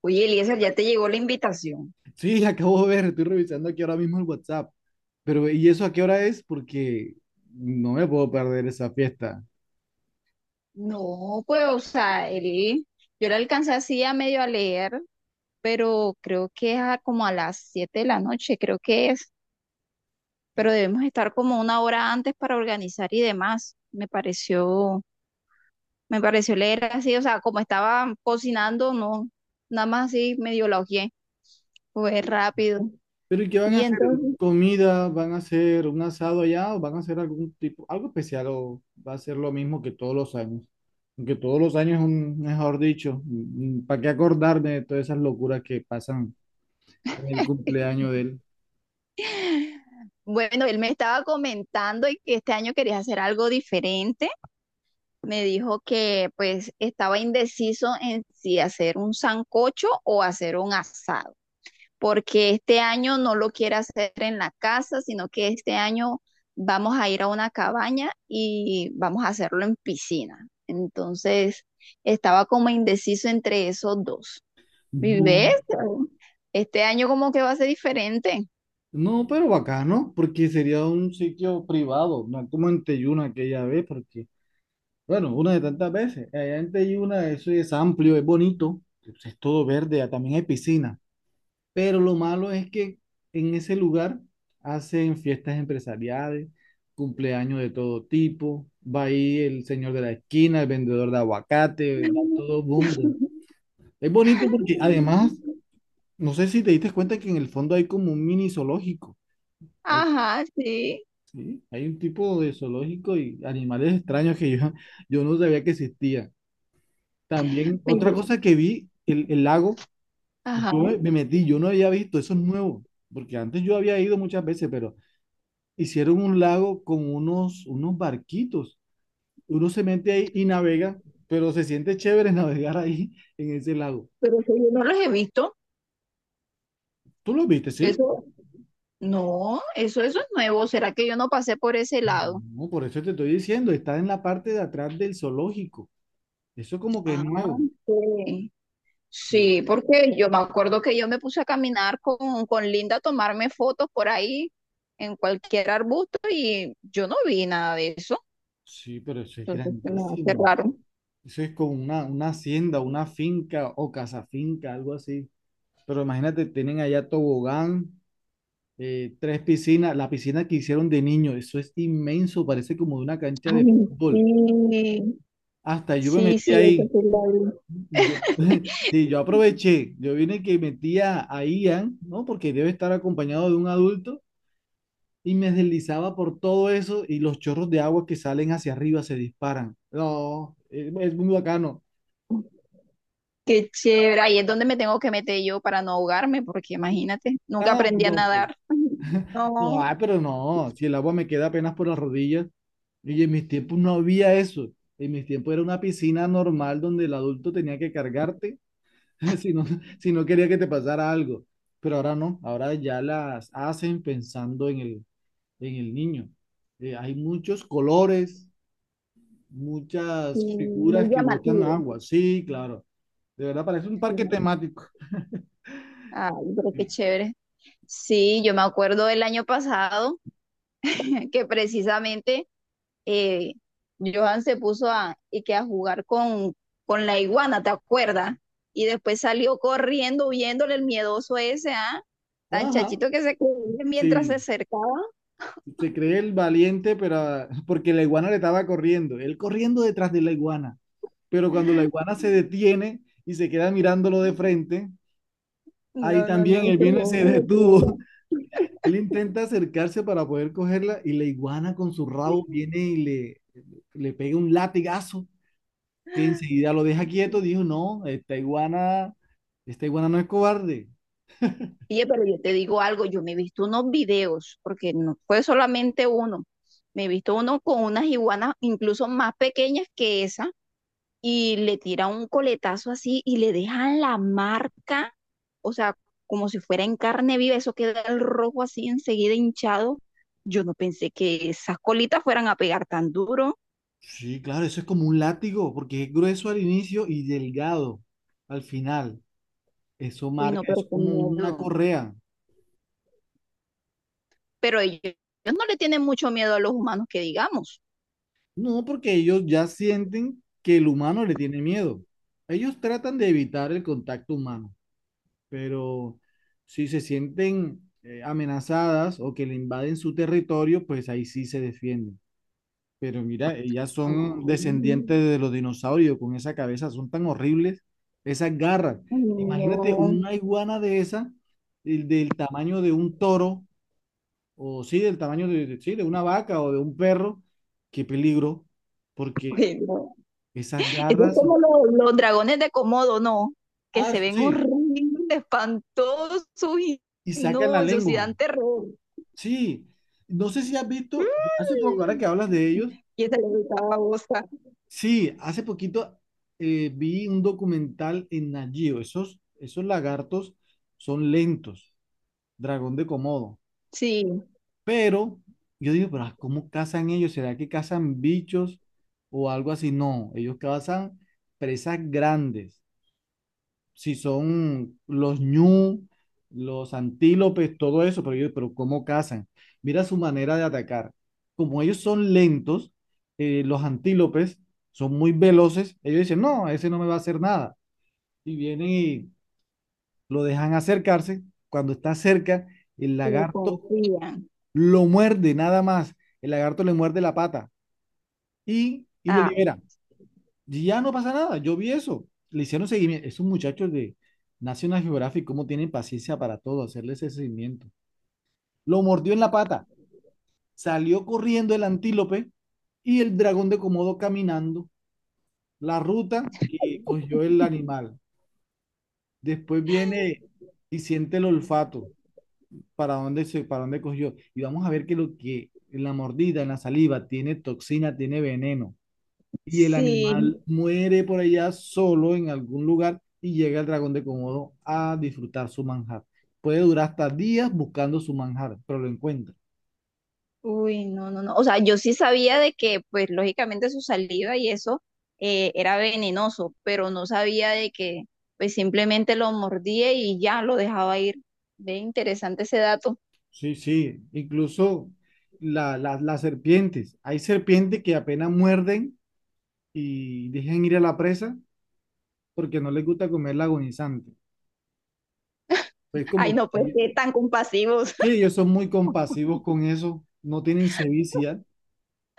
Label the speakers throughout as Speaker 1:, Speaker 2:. Speaker 1: Oye, Eliezer, ya te llegó la invitación.
Speaker 2: Sí, acabo de ver, estoy revisando aquí ahora mismo el WhatsApp. Pero, ¿y eso a qué hora es? Porque no me puedo perder esa fiesta.
Speaker 1: No, pues, o sea, él, yo la alcancé así a medio a leer, pero creo que es como a las 7 de la noche, creo que es, pero debemos estar como una hora antes para organizar y demás. Me pareció leer así, o sea, como estaba cocinando, no, nada más así medio la hojeé, fue rápido.
Speaker 2: Pero, ¿y qué van a
Speaker 1: Y
Speaker 2: hacer?
Speaker 1: entonces,
Speaker 2: ¿Comida? ¿Van a hacer un asado allá? ¿O van a hacer algún tipo, algo especial? ¿O va a ser lo mismo que todos los años? Aunque todos los años, es un, mejor dicho, ¿para qué acordarme de todas esas locuras que pasan en el cumpleaños de él?
Speaker 1: bueno, él me estaba comentando y que este año quería hacer algo diferente. Me dijo que pues estaba indeciso en si hacer un sancocho o hacer un asado, porque este año no lo quiere hacer en la casa, sino que este año vamos a ir a una cabaña y vamos a hacerlo en piscina. Entonces, estaba como indeciso entre esos dos. ¿Y ves?
Speaker 2: Du-
Speaker 1: Este año como que va a ser diferente.
Speaker 2: No, pero bacano, porque sería un sitio privado, no como en Teyuna aquella vez, porque bueno, una de tantas veces. Allá en Teyuna eso es amplio, es bonito, es todo verde, ah, también hay piscina. Pero lo malo es que en ese lugar hacen fiestas empresariales, cumpleaños de todo tipo. Va ahí el señor de la esquina, el vendedor de aguacate, va todo el mundo. Es bonito porque además, no sé si te diste cuenta que en el fondo hay como un mini zoológico. Hay,
Speaker 1: Ajá, sí.
Speaker 2: sí, hay un tipo de zoológico y animales extraños que yo, yo no sabía que existían. También, otra
Speaker 1: Me-
Speaker 2: cosa que vi, el lago,
Speaker 1: Ajá,
Speaker 2: yo me metí, yo no había visto, eso es nuevo, porque antes yo había ido muchas veces, pero hicieron un lago con unos barquitos. Uno se mete ahí y navega, pero se siente chévere navegar ahí en ese lago.
Speaker 1: pero eso yo no los he visto.
Speaker 2: ¿Tú lo viste, sí?
Speaker 1: Eso No, eso es nuevo. ¿Será que yo no pasé por ese lado?
Speaker 2: No, por eso te estoy diciendo, está en la parte de atrás del zoológico. Eso como que es
Speaker 1: Ah,
Speaker 2: nuevo.
Speaker 1: ok. Sí,
Speaker 2: Sí,
Speaker 1: porque yo me acuerdo que yo me puse a caminar con Linda a tomarme fotos por ahí en cualquier arbusto y yo no vi nada de eso.
Speaker 2: sí, pero eso es
Speaker 1: Entonces se me hace
Speaker 2: grandísimo.
Speaker 1: raro.
Speaker 2: Eso es como una hacienda, una finca o casa finca, algo así. Pero imagínate, tienen allá tobogán, tres piscinas, la piscina que hicieron de niño, eso es inmenso, parece como de una cancha de
Speaker 1: Ay,
Speaker 2: fútbol.
Speaker 1: sí,
Speaker 2: Hasta yo me
Speaker 1: sí,
Speaker 2: metí
Speaker 1: sí, eso
Speaker 2: ahí.
Speaker 1: sí lo vi.
Speaker 2: Yo, sí, yo aproveché, yo vine que metía a Ian, ¿no? Porque debe estar acompañado de un adulto y me deslizaba por todo eso y los chorros de agua que salen hacia arriba se disparan. No, es muy bacano.
Speaker 1: Qué chévere. Ahí es donde me tengo que meter yo para no ahogarme, porque imagínate, nunca
Speaker 2: Ah,
Speaker 1: aprendí a
Speaker 2: no, pues,
Speaker 1: nadar.
Speaker 2: no,
Speaker 1: No.
Speaker 2: ay, pero no, si el agua me queda apenas por las rodillas. Y en mis tiempos no había eso. En mis tiempos era una piscina normal donde el adulto tenía que cargarte si no, si no quería que te pasara algo. Pero ahora no, ahora ya las hacen pensando en en el niño. Hay muchos colores,
Speaker 1: Sí,
Speaker 2: muchas
Speaker 1: muy
Speaker 2: figuras que botan
Speaker 1: llamativo.
Speaker 2: agua. Sí, claro. De verdad parece un
Speaker 1: Sí.
Speaker 2: parque temático.
Speaker 1: Ay, pero qué chévere. Sí, yo me acuerdo del año pasado que precisamente eh, Johan se puso a, y que a jugar con la iguana, ¿te acuerdas? Y después salió corriendo, viéndole el miedoso ese, ¿ah? Tan
Speaker 2: Ajá,
Speaker 1: chachito que se corría mientras se
Speaker 2: sí.
Speaker 1: acercaba.
Speaker 2: Se cree el valiente, pero porque la iguana le estaba corriendo, él corriendo detrás de la iguana. Pero cuando la iguana se detiene y se queda mirándolo de frente, ahí
Speaker 1: No, no, no,
Speaker 2: también
Speaker 1: eso
Speaker 2: él
Speaker 1: fue
Speaker 2: vino y se
Speaker 1: una locura.
Speaker 2: detuvo. Él intenta acercarse para poder cogerla y la iguana con su rabo viene y le pega un latigazo que enseguida lo deja quieto. Dijo, no, esta iguana no es cobarde.
Speaker 1: Oye, pero yo te digo algo, yo me he visto unos videos, porque no fue solamente uno, me he visto uno con unas iguanas incluso más pequeñas que esa, y le tiran un coletazo así y le dejan la marca, o sea, como si fuera en carne viva, eso queda el rojo así enseguida hinchado. Yo no pensé que esas colitas fueran a pegar tan duro.
Speaker 2: Sí, claro, eso es como un látigo porque es grueso al inicio y delgado al final. Eso
Speaker 1: Uy, no,
Speaker 2: marca, es
Speaker 1: pero qué
Speaker 2: como una
Speaker 1: miedo.
Speaker 2: correa.
Speaker 1: Pero ellos no le tienen mucho miedo a los humanos que digamos.
Speaker 2: No, porque ellos ya sienten que el humano le tiene miedo. Ellos tratan de evitar el contacto humano, pero si se sienten amenazadas o que le invaden su territorio, pues ahí sí se defienden. Pero mira, ellas
Speaker 1: Ay,
Speaker 2: son descendientes de los dinosaurios, con esa cabeza, son tan horribles esas garras. Imagínate
Speaker 1: no.
Speaker 2: una iguana de esa, el del tamaño de un toro o sí, del tamaño de, sí, de una vaca o de un perro, qué peligro, porque
Speaker 1: Uy, no.
Speaker 2: esas
Speaker 1: Eso es
Speaker 2: garras,
Speaker 1: como los dragones de Komodo, ¿no? Que
Speaker 2: ah,
Speaker 1: se ven
Speaker 2: sí,
Speaker 1: horribles, espantosos y
Speaker 2: y sacan
Speaker 1: no,
Speaker 2: la
Speaker 1: eso sí
Speaker 2: lengua,
Speaker 1: dan terror.
Speaker 2: sí, no sé si has visto, hace poco, ahora
Speaker 1: Mm.
Speaker 2: que hablas de ellos,
Speaker 1: Y esa le gustaba a Bosa.
Speaker 2: sí, hace poquito vi un documental en Nat Geo, esos, esos lagartos son lentos, dragón de Komodo,
Speaker 1: Sí,
Speaker 2: pero yo digo, pero ah, ¿cómo cazan ellos? ¿Será que cazan bichos o algo así? No, ellos cazan presas grandes. Si son los ñu, los antílopes, todo eso, pero yo, pero ¿cómo cazan? Mira su manera de atacar. Como ellos son lentos, los antílopes son muy veloces, ellos dicen, no, ese no me va a hacer nada. Y vienen y lo dejan acercarse. Cuando está cerca, el
Speaker 1: le
Speaker 2: lagarto
Speaker 1: confían.
Speaker 2: lo muerde nada más. El lagarto le muerde la pata y lo
Speaker 1: Ah,
Speaker 2: libera. Y ya no pasa nada, yo vi eso. Le hicieron seguimiento. Esos muchachos de National Geographic, ¿cómo tienen paciencia para todo? Hacerles ese seguimiento. Lo mordió en la pata, salió corriendo el antílope y el dragón de Komodo caminando la ruta que cogió el animal. Después viene y siente el olfato para dónde se, para dónde cogió. Y vamos a ver que lo que en la mordida, en la saliva, tiene toxina, tiene veneno. Y el
Speaker 1: sí.
Speaker 2: animal muere por allá solo en algún lugar y llega el dragón de Komodo a disfrutar su manjar. Puede durar hasta días buscando su manjar, pero lo encuentra.
Speaker 1: Uy, no, no, no. O sea, yo sí sabía de que, pues, lógicamente su saliva y eso era venenoso, pero no sabía de que, pues, simplemente lo mordía y ya lo dejaba ir. Ve interesante ese dato.
Speaker 2: Sí, sí, incluso las serpientes. Hay serpientes que apenas muerden y dejan ir a la presa porque no les gusta comer la agonizante. Pues
Speaker 1: Ay,
Speaker 2: como
Speaker 1: no, pues, qué tan compasivos.
Speaker 2: que ellos son muy compasivos con eso, no tienen sevicia.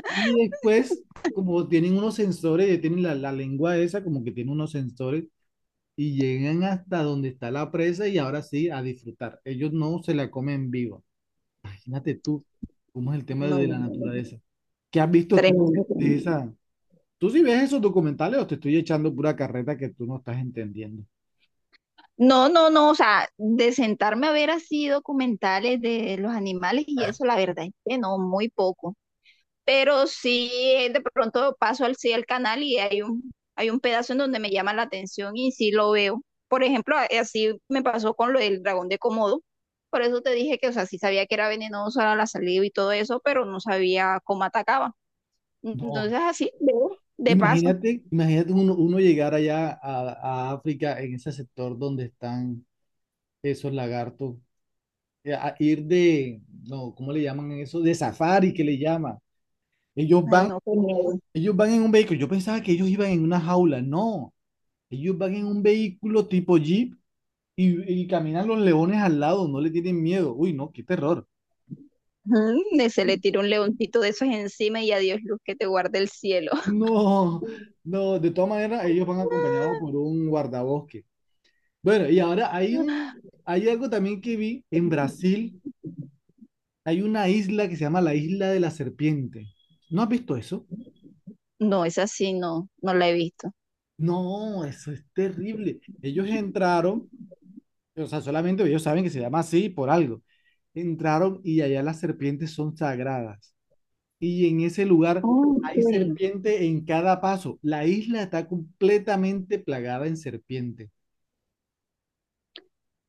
Speaker 2: Y después, como tienen unos sensores, ya tienen la lengua esa, como que tiene unos sensores, y llegan hasta donde está la presa y ahora sí a disfrutar. Ellos no se la comen viva. Imagínate tú cómo es el
Speaker 1: No,
Speaker 2: tema de
Speaker 1: no,
Speaker 2: la
Speaker 1: no, no, no.
Speaker 2: naturaleza. ¿Qué has visto tú
Speaker 1: Tremendo,
Speaker 2: de
Speaker 1: tremendo.
Speaker 2: esa? ¿Tú sí ves esos documentales o te estoy echando pura carreta que tú no estás entendiendo?
Speaker 1: No, no, no, o sea, de sentarme a ver así documentales de los animales y eso, la verdad es que no, muy poco. Pero sí, de pronto paso sí, al canal y hay un pedazo en donde me llama la atención y sí lo veo. Por ejemplo, así me pasó con lo del dragón de Komodo. Por eso te dije que, o sea, sí sabía que era venenoso a la saliva y todo eso, pero no sabía cómo atacaba.
Speaker 2: No,
Speaker 1: Entonces así veo, de paso.
Speaker 2: imagínate, imagínate uno, uno llegar allá a África en ese sector donde están esos lagartos a ir de, no, ¿cómo le llaman eso? De safari, que le llaman. Ellos
Speaker 1: Ay,
Speaker 2: van,
Speaker 1: no, qué miedo.
Speaker 2: ellos van en un vehículo. Yo pensaba que ellos iban en una jaula. No, ellos van en un vehículo tipo Jeep y caminan los leones al lado, no le tienen miedo. Uy, no, qué terror.
Speaker 1: Ujú, y se le tira un leoncito de esos encima y adiós luz que te guarde el cielo.
Speaker 2: No, no, de todas maneras, ellos van acompañados por un guardabosque. Bueno, y ahora hay un, hay algo también que vi en Brasil. Hay una isla que se llama la Isla de la Serpiente. ¿No has visto eso?
Speaker 1: No, es así, no, no la he visto.
Speaker 2: No, eso es terrible. Ellos entraron, o sea, solamente ellos saben que se llama así por algo. Entraron y allá las serpientes son sagradas. Y en ese lugar hay
Speaker 1: Ok.
Speaker 2: serpiente en cada paso. La isla está completamente plagada en serpiente.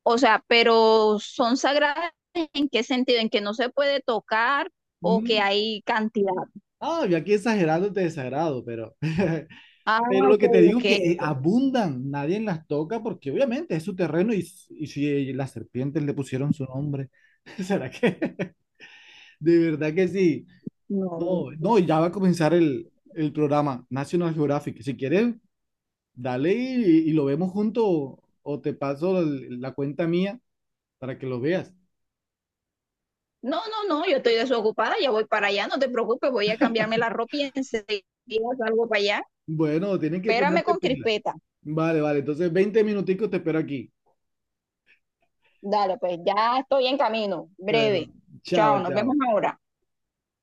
Speaker 1: O sea, pero son sagradas en qué sentido, en que no se puede tocar o que
Speaker 2: Mm,
Speaker 1: hay cantidad.
Speaker 2: ah, yo aquí exagerando te desagrado, pero,
Speaker 1: Ah,
Speaker 2: pero lo
Speaker 1: ok,
Speaker 2: que te digo
Speaker 1: ok,
Speaker 2: es que
Speaker 1: ok.
Speaker 2: abundan, nadie las toca porque obviamente es su terreno y y si las serpientes le pusieron su nombre, ¿será que? De verdad que sí.
Speaker 1: No.
Speaker 2: No, no, y ya va a comenzar el programa National Geographic. Si quieres, dale y lo vemos juntos o te paso la cuenta mía para que lo veas.
Speaker 1: No, no, no, yo estoy desocupada, ya voy para allá, no te preocupes, voy a cambiarme la ropa y enseguida salgo para allá.
Speaker 2: Bueno, tienen que
Speaker 1: Espérame
Speaker 2: ponerte
Speaker 1: con
Speaker 2: pila.
Speaker 1: crispeta.
Speaker 2: Vale, vale. Entonces, 20 minuticos te espero aquí.
Speaker 1: Dale, pues ya estoy en camino, breve.
Speaker 2: Bueno,
Speaker 1: Chao,
Speaker 2: chao,
Speaker 1: nos vemos
Speaker 2: chao.
Speaker 1: ahora.